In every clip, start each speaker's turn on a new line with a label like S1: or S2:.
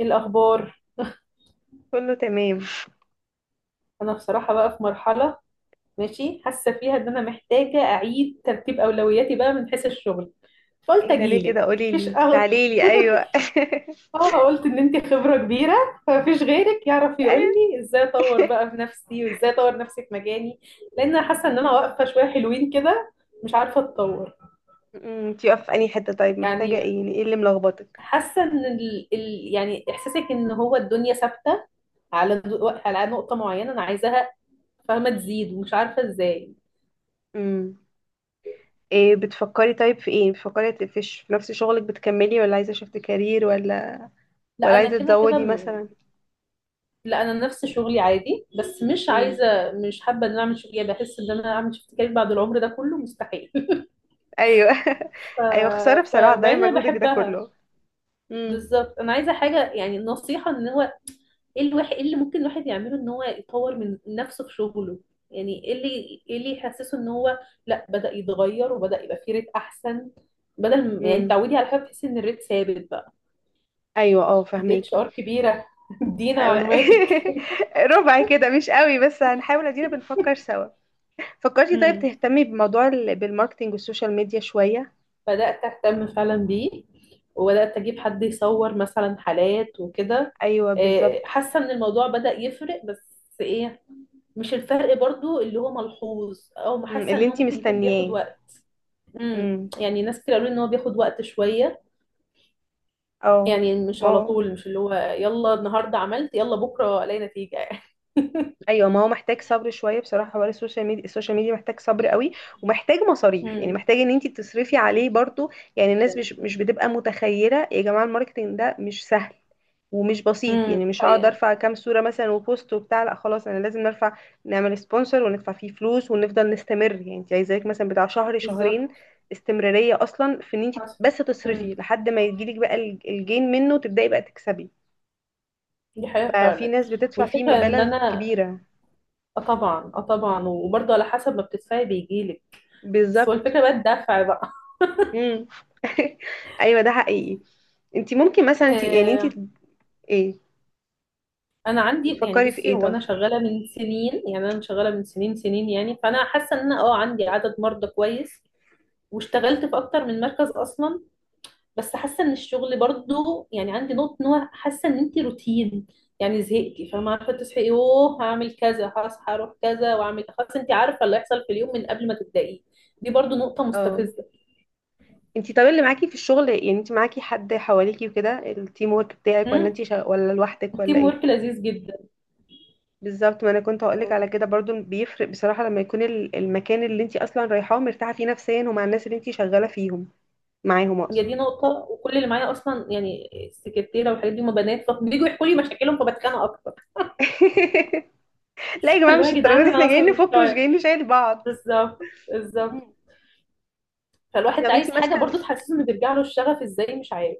S1: ايه الاخبار؟
S2: كله تمام.
S1: انا بصراحه بقى في مرحله ماشي حاسه فيها ان انا محتاجه اعيد ترتيب اولوياتي بقى من حيث الشغل، فقلت
S2: ايه ده؟ ليه كده
S1: اجيلك.
S2: قولي
S1: مفيش
S2: لي، تعالي لي. ايوه.
S1: اه قلت ان انت خبره كبيره، فمفيش غيرك يعرف يقول
S2: ايوه.
S1: لي ازاي اطور بقى في نفسي وازاي اطور نفسي في مجاني. لان انا حاسه ان انا واقفه شويه حلوين كده، مش عارفه اتطور.
S2: انتي واقفه في انهي حته؟ طيب محتاجه
S1: يعني
S2: ايه؟ يعني ايه اللي ملخبطك؟
S1: حاسه ان يعني احساسك ان هو الدنيا ثابته على على نقطه معينه انا عايزاها، فاهمه تزيد ومش عارفه ازاي.
S2: امم. ايه بتفكري؟ طيب في ايه بتفكري؟ في ش- في نفس شغلك بتكملي ولا عايزه شفت كارير؟ ولا
S1: لا
S2: ولا
S1: انا
S2: عايزه
S1: كده كده
S2: تزودي مثلا؟
S1: لا انا نفس شغلي عادي، بس مش
S2: امم.
S1: عايزه، مش حابه ان انا اعمل شغلي بحس ان انا اعمل شيفت كارير بعد العمر ده كله مستحيل.
S2: ايوه.
S1: ف...
S2: ايوه، خساره بصراحه، ضايع
S1: وبعدين انا
S2: مجهودك ده
S1: بحبها
S2: كله. امم.
S1: بالظبط. انا عايزه حاجه، يعني النصيحه ان هو ايه الواحد، ايه اللي ممكن الواحد يعمله ان هو يطور من نفسه في شغله، يعني ايه اللي يحسسه ان هو لا بدأ يتغير وبدأ يبقى فيه ريت احسن، بدل ما- يعني
S2: امم.
S1: تعودي على حاجه بتحسي ان الريت ثابت بقى.
S2: ايوه، اه
S1: انت اتش
S2: فهميكي.
S1: ار كبيره ادينا معلوماتك.
S2: ربع كده مش قوي، بس هنحاول، ادينا بنفكر سوا. فكرتي طيب تهتمي بموضوع ال- بالماركتينج والسوشيال ميديا شوية؟
S1: بدأت أهتم فعلا بيه، وبدأت أجيب حد يصور مثلا حالات وكده.
S2: ايوه بالظبط.
S1: حاسة إن الموضوع بدأ يفرق، بس إيه، مش الفرق برضو اللي هو ملحوظ، أو
S2: مم،
S1: حاسة
S2: اللي
S1: إن هو
S2: انتي
S1: ممكن يكون بياخد
S2: مستنياه.
S1: وقت. امم،
S2: امم.
S1: يعني ناس كتير قالوا لي إن هو بياخد وقت شوية،
S2: اه.
S1: يعني مش
S2: ما
S1: على طول، مش اللي هو يلا النهاردة عملت يلا بكرة ألاقي نتيجة يعني.
S2: ايوه، ما هو محتاج صبر شويه بصراحه، حوار السوشيال ميديا، السوشيال ميديا محتاج صبر قوي، ومحتاج مصاريف. يعني
S1: امم،
S2: محتاج ان انت تصرفي عليه برضو. يعني الناس
S1: جدا.
S2: مش بتبقى متخيله يا جماعه الماركتينج ده مش سهل ومش بسيط.
S1: امم،
S2: يعني
S1: دي
S2: مش هقعد
S1: حقيقة.
S2: ارفع كام صوره مثلا وبوست وبتاع، لا خلاص انا لازم نرفع، نعمل سبونسر وندفع فيه فلوس ونفضل نستمر. يعني انت عايزاك مثلا بتاع شهر شهرين،
S1: بالظبط.
S2: استمراريه اصلا في ان انت
S1: حصل.
S2: بس
S1: امم،
S2: تصرفي لحد ما يجيلك بقى الج- الجين منه وتبداي بقى تكسبي.
S1: دي حقيقة
S2: ففي
S1: فعلا.
S2: ناس بتدفع فيه
S1: والفكرة إن
S2: مبالغ
S1: أنا
S2: كبيره.
S1: اه طبعا اه طبعا، وبرضه على حسب ما بتدفعي بيجيلك. بس هو
S2: بالظبط.
S1: الفكره بقى الدفع بقى.
S2: امم. ايوه ده حقيقي. انت ممكن مثلا انت يعني انت،
S1: آه
S2: ايه
S1: انا عندي، يعني
S2: بتفكري في
S1: بصي،
S2: ايه
S1: هو
S2: طيب؟
S1: انا شغاله من سنين، يعني انا شغاله من سنين سنين يعني، فانا حاسه ان انا عندي عدد مرضى كويس، واشتغلت في اكتر من مركز اصلا. بس حاسه ان الشغل برضه، يعني عندي نقطه ان هو حاسه ان انت روتين، يعني زهقتي، فما عارفه تصحي يوه هعمل كذا هصحى اروح كذا واعمل خلاص، انت عارفه اللي هيحصل في اليوم من قبل ما تبدايه. دي برضه نقطه
S2: اه.
S1: مستفزه.
S2: انت طب اللي معاكي في الشغل، يعني انت معاكي حد حواليكي وكده، التيم ورك بتاعك؟ ولا
S1: امم.
S2: انت شا... ولا لوحدك ولا
S1: التيم
S2: ايه؟
S1: ورك لذيذ جدا.
S2: بالظبط، ما انا كنت هقولك على كده برضو، بيفرق بصراحة لما يكون ال- المكان اللي انت اصلا رايحاه مرتاحة فيه نفسيا، ومع الناس اللي انت شغالة فيهم، معاهم
S1: هي
S2: اقصد.
S1: دي نقطة، وكل اللي معايا أصلا يعني السكرتيرة والحاجات دي هما بنات، فبييجوا يحكوا لي مشاكلهم، فبتخانق أكتر.
S2: لا يا جماعة
S1: اللي هو
S2: مش
S1: يا جدعان
S2: الدرجة دي، احنا
S1: أنا
S2: جايين
S1: أصلا مش
S2: نفك مش
S1: طايق.
S2: جايين نشيل بعض.
S1: بالظبط. بالظبط.
S2: مم. انت
S1: فالواحد
S2: طب انت
S1: عايز حاجة
S2: ماسكة.
S1: برضو تحسسه إنه بيرجع له الشغف إزاي، مش عارف.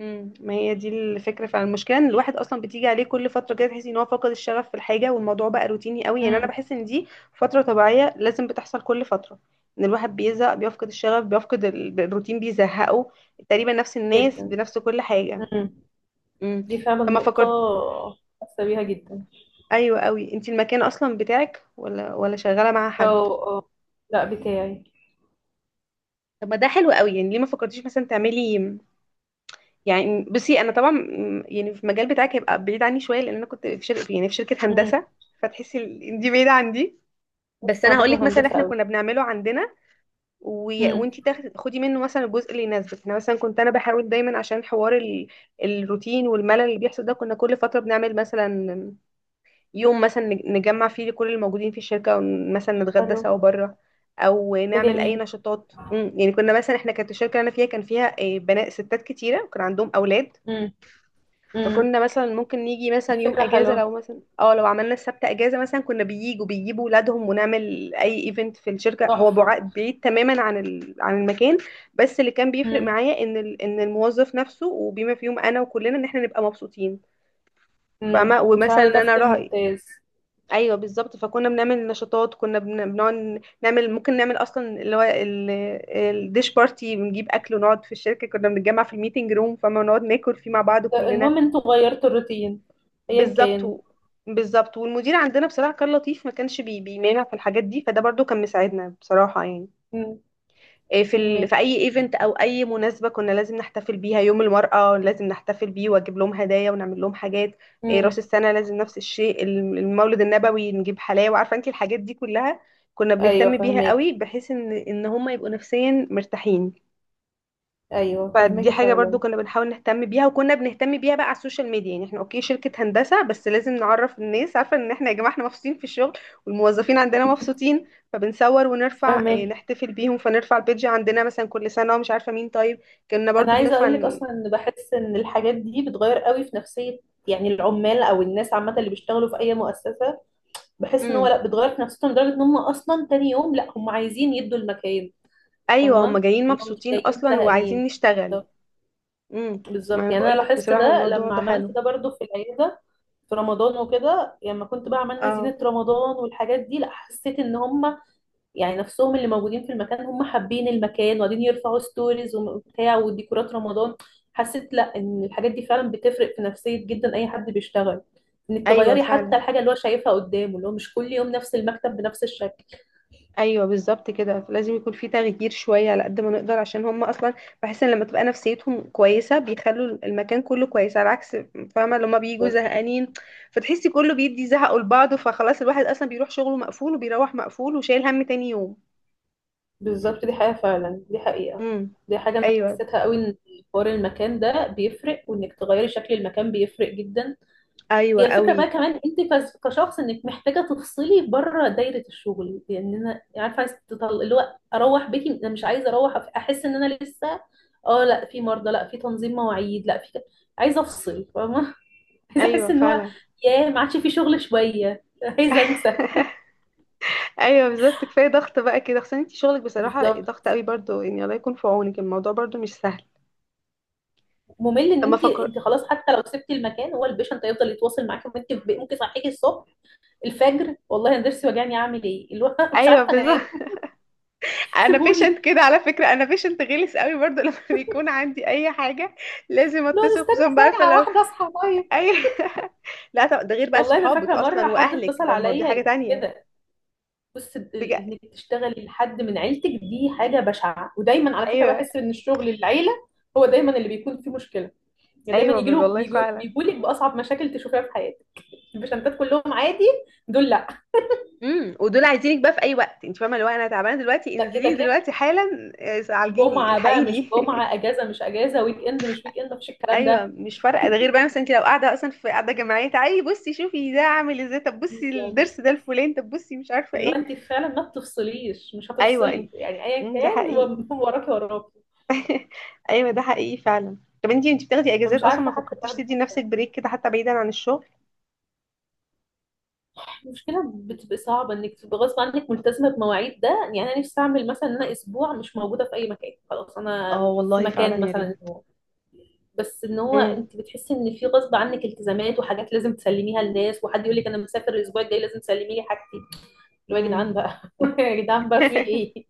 S2: امم، ما هي دي الفكره فعلا. المشكله ان الواحد اصلا بتيجي عليه كل فتره كده تحس ان هو فقد الشغف في الحاجه، والموضوع بقى روتيني قوي. يعني انا
S1: امم.
S2: بحس ان دي فتره طبيعيه لازم بتحصل كل فتره، ان الواحد بيزهق، بيفقد الشغف، بيفقد ال- الروتين بيزهقه، تقريبا نفس الناس
S1: جدا.
S2: بنفس كل حاجه.
S1: امم،
S2: امم.
S1: دي فعلا
S2: لما
S1: نقطة،
S2: فكرت،
S1: حاسة بيها جدا.
S2: ايوه قوي، انت المكان اصلا بتاعك ولا شغاله مع حد؟
S1: أه، أه، لا بتاعي.
S2: طب ما ده حلو قوي، يعني ليه ما فكرتيش مثلا تعملي؟ يعني بصي انا طبعا م- يعني في المجال بتاعك هيبقى بعيد عني شويه، لان انا كنت في شركه، يعني في شركه
S1: امم.
S2: هندسه. فتحسي ال- إن دي بعيده عن دي.
S1: بس
S2: بس
S1: أنا
S2: انا هقول لك
S1: بكره
S2: مثلا
S1: هندسة
S2: احنا
S1: أوي.
S2: كنا بنعمله عندنا، وي...
S1: امم،
S2: وانتي تاخدي، خدي منه مثلا الجزء اللي يناسبك. انا مثلا كنت انا بحاول دايما عشان حوار ال... الروتين والملل اللي بيحصل ده، كنا كل فتره بنعمل مثلا يوم مثلا نج- نجمع فيه كل الموجودين في الشركه ومثلا نتغدى
S1: حلو،
S2: سوا بره، او
S1: ده
S2: نعمل اي
S1: جميل.
S2: نشاطات. مم. يعني كنا مثلا احنا، كانت الشركه اللي انا فيها كان فيها آه، بنات ستات كتيره، وكان عندهم اولاد.
S1: امم. امم،
S2: فكنا مثلا ممكن نيجي
S1: دي
S2: مثلا يوم
S1: فكرة
S2: اجازه
S1: حلوة،
S2: لو مثلا اه لو عملنا السبت اجازه مثلا، كنا بييجوا بيجيبوا ولادهم، ونعمل اي ايفنت في الشركه هو بع-
S1: تحفة.
S2: بعيد تماما عن ال... عن المكان. بس اللي كان بيفرق
S1: امم.
S2: معايا ان ال... ان الموظف نفسه، وبما فيهم انا وكلنا، ان احنا نبقى مبسوطين.
S1: امم،
S2: فما ومثلا
S1: بصراحة
S2: ان
S1: ده
S2: انا
S1: تفكير
S2: راي.
S1: ممتاز.
S2: ايوه بالظبط. فكنا بنعمل نشاطات، كنا بن- بنقعد نعمل، ممكن نعمل اصلا اللي هو ال- الديش بارتي، بنجيب اكل ونقعد في الشركه، كنا بنتجمع في الميتنج روم فما نقعد ناكل فيه مع بعض كلنا.
S1: المهم انتوا غيرتوا الروتين، ايا
S2: بالظبط
S1: كان.
S2: و-. بالظبط. والمدير عندنا بصراحة كان لطيف، ما كانش بي بيمانع في الحاجات دي، فده برضو كان مساعدنا بصراحة يعني.
S1: امم.
S2: إيه في ال... في
S1: فهماكي.
S2: اي ايفنت او اي مناسبة كنا لازم نحتفل بيها، يوم المرأة لازم نحتفل بيه واجيب لهم هدايا ونعمل لهم حاجات. إيه
S1: امم.
S2: راس السنة لازم نفس الشيء، الم- المولد النبوي نجيب حلاوة، عارفة انت الحاجات دي كلها. كنا
S1: ايوه
S2: بنهتم بيها قوي
S1: فهماكي.
S2: بحيث ان ان هم يبقوا نفسيا مرتاحين.
S1: ايوه
S2: فدي
S1: فهماكي
S2: حاجة برضو
S1: فعلا.
S2: كنا بنحاول نهتم بيها، وكنا بنهتم بيها بقى على السوشيال ميديا. يعني احنا اوكي شركة هندسة، بس لازم نعرف الناس، عارفة ان احنا يا جماعة احنا مبسوطين في الشغل، والموظفين عندنا مبسوطين. فبنصور ونرفع اه،
S1: فهماكي.
S2: نحتفل بيهم، فنرفع البيج عندنا مثلا كل سنة ومش عارفة مين طيب، كنا
S1: انا
S2: برضو
S1: عايزه
S2: بنرفع
S1: اقول لك
S2: ن-.
S1: اصلا ان بحس ان الحاجات دي بتغير قوي في نفسيه، يعني العمال او الناس عامه اللي بيشتغلوا في اي مؤسسه. بحس ان هو
S2: امم.
S1: لا بتغير في نفسيتهم لدرجه ان هم اصلا تاني يوم لا هم عايزين يدوا المكان،
S2: ايوه، هم
S1: فاهمه
S2: جايين
S1: اللي هو مش
S2: مبسوطين
S1: جايين
S2: اصلا وعايزين
S1: زهقانين.
S2: نشتغل. امم. ما
S1: بالظبط،
S2: انا
S1: يعني انا
S2: بقول لك
S1: لاحظت
S2: بصراحة
S1: ده
S2: الموضوع
S1: لما
S2: ده
S1: عملت
S2: حلو.
S1: ده برضو في العياده في رمضان وكده، يعني لما كنت بقى عملنا
S2: اه.
S1: زينه رمضان والحاجات دي، لا حسيت ان هم، يعني نفسهم اللي موجودين في المكان هم حابين المكان، وقاعدين يرفعوا ستوريز وبتاع وديكورات رمضان. حسيت لا ان الحاجات دي فعلا بتفرق في نفسيه جدا اي حد بيشتغل. انك
S2: ايوه
S1: تغيري حتى
S2: فعلا.
S1: الحاجه اللي هو شايفها قدامه، اللي هو مش كل يوم نفس المكتب بنفس الشكل.
S2: ايوه بالظبط كده، لازم يكون في تغيير شويه على قد ما نقدر عشان هم اصلا، بحس ان لما تبقى نفسيتهم كويسه بيخلوا المكان كله كويس، على عكس، فاهمه لما بيجوا زهقانين فتحسي كله بيدي زهقه لبعضه، فخلاص الواحد اصلا بيروح شغله مقفول، وبيروح مقفول وشايل هم تاني يوم.
S1: بالظبط، دي حقيقة فعلا، دي حقيقة.
S2: امم.
S1: دي حاجة أنا
S2: ايوه.
S1: حسيتها قوي، إن حوار المكان ده بيفرق، وإنك تغيري شكل المكان بيفرق جدا.
S2: ايوه
S1: هي الفكرة بقى
S2: قوي.
S1: كمان أنت كشخص إنك محتاجة تفصلي بره دايرة الشغل، لأن أنا عارفة اللي هو أروح بيتي، أنا مش عايزة أروح أحس إن أنا لسه، أه لا في مرضى لا في تنظيم مواعيد لا في عايزة أفصل فاهمة. عايزة
S2: ايوه
S1: أحس إن هو
S2: فعلا.
S1: ياه ما عادش في شغل شوية، عايزة أنسى.
S2: ايوه بالظبط كفايه ضغط بقى كده، خصوصا انت شغلك بصراحه
S1: بالظبط.
S2: ضغط قوي برضو، يعني الله يكون في عونك، الموضوع برضو مش سهل.
S1: ممل ان
S2: اما
S1: انت
S2: فكر.
S1: انت خلاص، حتى لو سبتي المكان هو البيشنت هيفضل يتواصل معاكي، وانت ممكن يصحيكي الصبح الفجر، والله انا ضرسي وجعني اعمل ايه، اللي هو مش
S2: ايوه
S1: عارفه
S2: بالظبط.
S1: انام،
S2: انا بيشنت
S1: سيبوني،
S2: كده على فكره، انا بيشنت غلس قوي برضو لما بيكون عندي اي حاجه لازم
S1: لا
S2: اتصل، خصوصا
S1: نستنى
S2: بعرفه
S1: ساعه
S2: لو،
S1: واحده اصحى طيب.
S2: اي. لا طب ده غير بقى
S1: والله انا
S2: صحابك
S1: فاكره مره
S2: اصلا
S1: حد
S2: واهلك،
S1: اتصل
S2: ده الموضوع
S1: عليا
S2: حاجه
S1: يقول لي
S2: تانية.
S1: كده، بص
S2: بجد.
S1: انك تشتغلي لحد من عيلتك دي حاجه بشعه، ودايما على فكره
S2: ايوه.
S1: بحس ان الشغل العيله هو دايما اللي بيكون فيه مشكله، يعني دايما
S2: ايوه، ب-
S1: يجي له
S2: والله
S1: بيجوا
S2: فعلا.
S1: لك باصعب مشاكل تشوفيها في حياتك، البيشنتات كلهم عادي، دول لا.
S2: امم. ودول عايزينك بقى في اي وقت، انت فاهمه لو انا تعبانه دلوقتي
S1: ده
S2: انزلي
S1: كده
S2: دلوقتي حالا آه، عالجيني
S1: جمعة بقى مش
S2: الحقيني.
S1: جمعة، اجازة مش اجازة، ويك اند مش ويك اند، مفيش الكلام
S2: ايوه
S1: ده.
S2: مش فارقه، ده غير بقى مثلا انت لو قاعده اصلا في قاعده جماعيه، تعالي بصي شوفي ده عامل ازاي، طب بصي
S1: بالظبط،
S2: الضرس ده الفلان، طب بصي مش عارفه
S1: اللي هو
S2: ايه.
S1: انت فعلا ما بتفصليش، مش
S2: ايوه انت.
S1: هتفصلي يعني ايا
S2: مم، ده
S1: كان، هو
S2: حقيقي.
S1: هو وراكي وراكي.
S2: ايوه ده حقيقي فعلا. طب انتي انتي بتاخدي اجازات
S1: فمش
S2: اصلا؟
S1: عارفه
S2: ما
S1: حتى
S2: فكرتيش
S1: تاخدي
S2: تدي
S1: صح.
S2: لنفسك بريك كده حتى بعيدا عن الشغل؟
S1: المشكله بتبقى صعبه انك تبقى غصب عنك ملتزمه بمواعيد ده، يعني انا نفسي اعمل مثلا ان انا اسبوع مش موجوده في اي مكان، خلاص انا
S2: اه
S1: في
S2: والله فعلا
S1: مكان
S2: يا
S1: مثلا
S2: ريت.
S1: اسبوع، بس ان هو
S2: امم.
S1: انت بتحسي ان في غصب عنك التزامات وحاجات لازم تسلميها للناس، وحد يقول لك انا مسافر الاسبوع الجاي لازم تسلمي لي حاجتي، اللي هو يا
S2: امم.
S1: جدعان بقى يا جدعان بقى في ايه.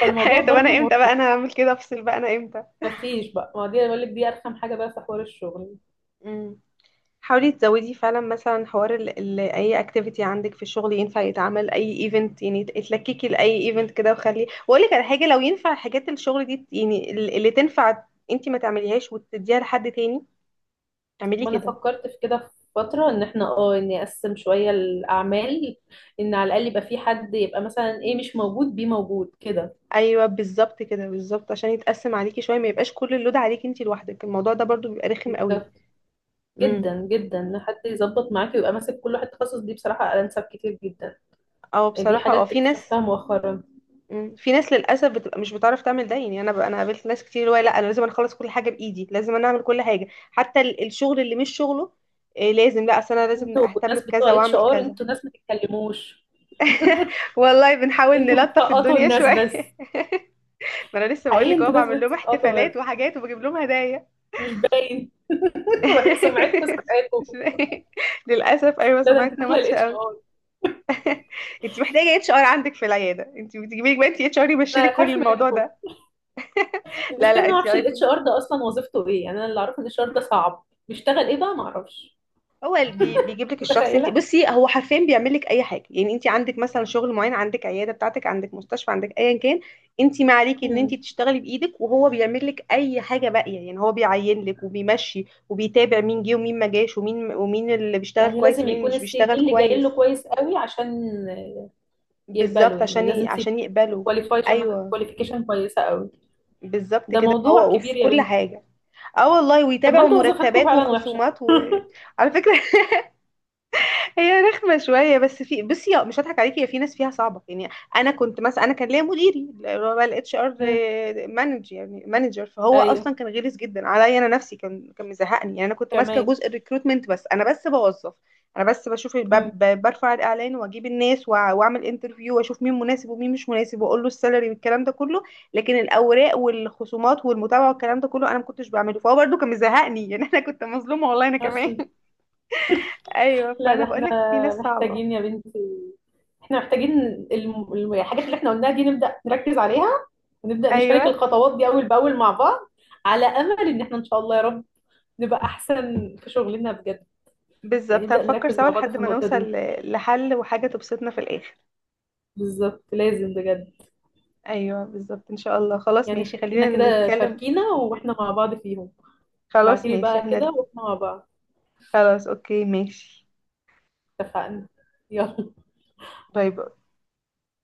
S1: فالموضوع
S2: طب
S1: برضو
S2: انا امتى بقى
S1: مرهق،
S2: انا هعمل كده افصل بقى انا امتى؟
S1: مفيش بقى، ما دي بقول لك دي ارخم حاجه بقى في حوار الشغل.
S2: امم. حاولي تزودي فعلا مثلا حوار ال اي اكتيفيتي عندك في الشغل، ينفع يتعمل اي ايفنت، يعني اتلككي لاي ايفنت كده. وخلي، واقول لك على حاجه، لو ينفع حاجات الشغل دي يعني ال- اللي تنفع، انتي ما تعمليهاش وتديها لحد تاني، اعملي
S1: ما انا
S2: كده.
S1: فكرت في كده في فتره ان احنا اه اني اقسم شويه الاعمال، ان على الاقل يبقى في حد يبقى مثلا ايه مش موجود بيه موجود كده.
S2: ايوه بالظبط كده، بالظبط عشان يتقسم عليكي شويه، ما يبقاش كل اللود عليكي انت لوحدك، الموضوع ده برضو بيبقى رخم قوي.
S1: بالظبط.
S2: امم.
S1: جدا جدا إن حد يظبط معاك ويبقى ماسك كل واحد تخصص، دي بصراحه انسب كتير جدا،
S2: اه
S1: يعني دي
S2: بصراحه، اه
S1: حاجات
S2: في ناس.
S1: اكتشفتها مؤخرا.
S2: مم. في ناس للاسف بتبقى مش بتعرف تعمل ده. يعني انا ب... انا قابلت ناس كتير اللي هو لا انا لازم اخلص كل حاجه بايدي، لازم انا اعمل كل حاجه حتى ال- الشغل اللي مش شغله. إيه لازم، لا اصل انا لازم
S1: انتوا
S2: اهتم
S1: الناس
S2: بكذا
S1: بتوع اتش
S2: واعمل
S1: ار
S2: كذا.
S1: انتوا ناس ما تتكلموش،
S2: والله بنحاول
S1: انتوا
S2: نلطف
S1: بتسقطوا
S2: الدنيا
S1: الناس
S2: شويه.
S1: بس،
S2: ما انا لسه بقول
S1: حقيقي
S2: لك اهو،
S1: انتوا ناس
S2: بعمل لهم
S1: بتسقطوا،
S2: احتفالات وحاجات وبجيب لهم هدايا.
S1: مش باين. سمعتكم سابقاكم،
S2: مش-. للاسف ايوه
S1: لا ده انت
S2: سمعتنا
S1: داخله الاتش
S2: وحشه.
S1: ار،
S2: انت محتاجه اتش ار عندك في العياده، انت بتجيبي لك بقى انت اتش ار يمشي
S1: انا
S2: لك كل
S1: اخاف
S2: الموضوع
S1: منكم.
S2: ده. لا
S1: المشكله إن انا
S2: لا
S1: ما
S2: انت
S1: اعرفش
S2: عيب
S1: الاتش
S2: انت.
S1: ار ده اصلا وظيفته ايه، يعني انا اللي اعرفه ان الاتش ار ده صعب، بيشتغل ايه بقى ما اعرفش.
S2: هو ال- بي- بيجيب لك الشخص، انت
S1: متخيله.
S2: بصي هو حرفيا بيعمل لك اي حاجه. يعني انت عندك مثلا شغل معين، عندك عياده بتاعتك، عندك مستشفى، عندك ايا كان، انت ما عليكي ان انت
S1: مم.
S2: تشتغلي بايدك، وهو بيعمل لك اي حاجه باقيه. يعني هو بيعين لك وبيمشي وبيتابع مين جه ومين ما جاش ومين، ومين اللي بيشتغل
S1: يعني
S2: كويس
S1: لازم
S2: ومين اللي
S1: يكون
S2: مش
S1: السي في
S2: بيشتغل
S1: اللي جاي له
S2: كويس.
S1: كويس قوي عشان يقبله،
S2: بالظبط
S1: يعني
S2: عشان ي-
S1: لازم سي في،
S2: عشان يقبله.
S1: كواليفيكيشن،
S2: ايوه
S1: كواليفيكيشن كويسه قوي.
S2: بالظبط
S1: ده
S2: كده،
S1: موضوع
S2: هو
S1: كبير
S2: وفي
S1: يا
S2: كل
S1: بنتي.
S2: حاجه. اه والله
S1: طب ما
S2: ويتابعوا
S1: انتوا وظيفتكم
S2: مرتبات
S1: فعلا وحشه.
S2: وخصومات، وعلى فكرة. هي رخمة شوية بس، في بصي آه، مش هضحك عليكي، هي في ناس فيها صعبة يعني. أنا كنت مثلا، أنا كان ليا مديري اللي هو الاتش ار
S1: مم.
S2: مانجر، يعني مانجر، فهو
S1: ايوه
S2: أصلا كان غلس جدا عليا، أنا نفسي كان مزهقني يعني. أنا كنت ماسكة
S1: كمان.
S2: جزء الريكروتمنت بس، أنا بس بوظف، أنا بس بشوف برفع الإعلان وأجيب الناس وأعمل انترفيو وأشوف مين مناسب ومين مش مناسب وأقول له السالري والكلام ده كله. لكن الأوراق والخصومات والمتابعة والكلام ده كله أنا ما كنتش بعمله، فهو برده كان مزهقني يعني. أنا كنت مظلومة والله أنا كمان.
S1: امم.
S2: أيوه
S1: لا ده
S2: فأنا بقول
S1: احنا
S2: لك في ناس صعبة.
S1: محتاجين يا بنتي، احنا محتاجين الحاجات اللي احنا قلناها دي نبدأ نركز عليها، ونبدأ نشارك
S2: ايوه
S1: الخطوات دي أول بأول مع بعض، على أمل إن احنا إن شاء الله يا رب نبقى أحسن في شغلنا بجد. يعني
S2: بالظبط
S1: نبدأ
S2: هنفكر
S1: نركز
S2: سوا
S1: مع بعض
S2: لحد
S1: في
S2: ما
S1: النقطة
S2: نوصل
S1: دي،
S2: ل- لحل وحاجة تبسطنا في الاخر.
S1: بالظبط لازم بجد.
S2: ايوه بالظبط ان شاء الله، خلاص
S1: يعني
S2: ماشي، خلينا
S1: خلينا كده
S2: نتكلم.
S1: شاركينا واحنا مع بعض فيهم.
S2: خلاص
S1: ابعتيلي
S2: ماشي
S1: بقى كده
S2: احنا.
S1: واحنا مع بعض.
S2: خلاص اوكي ماشي.
S1: اتفقنا. يلا.
S2: باي باي.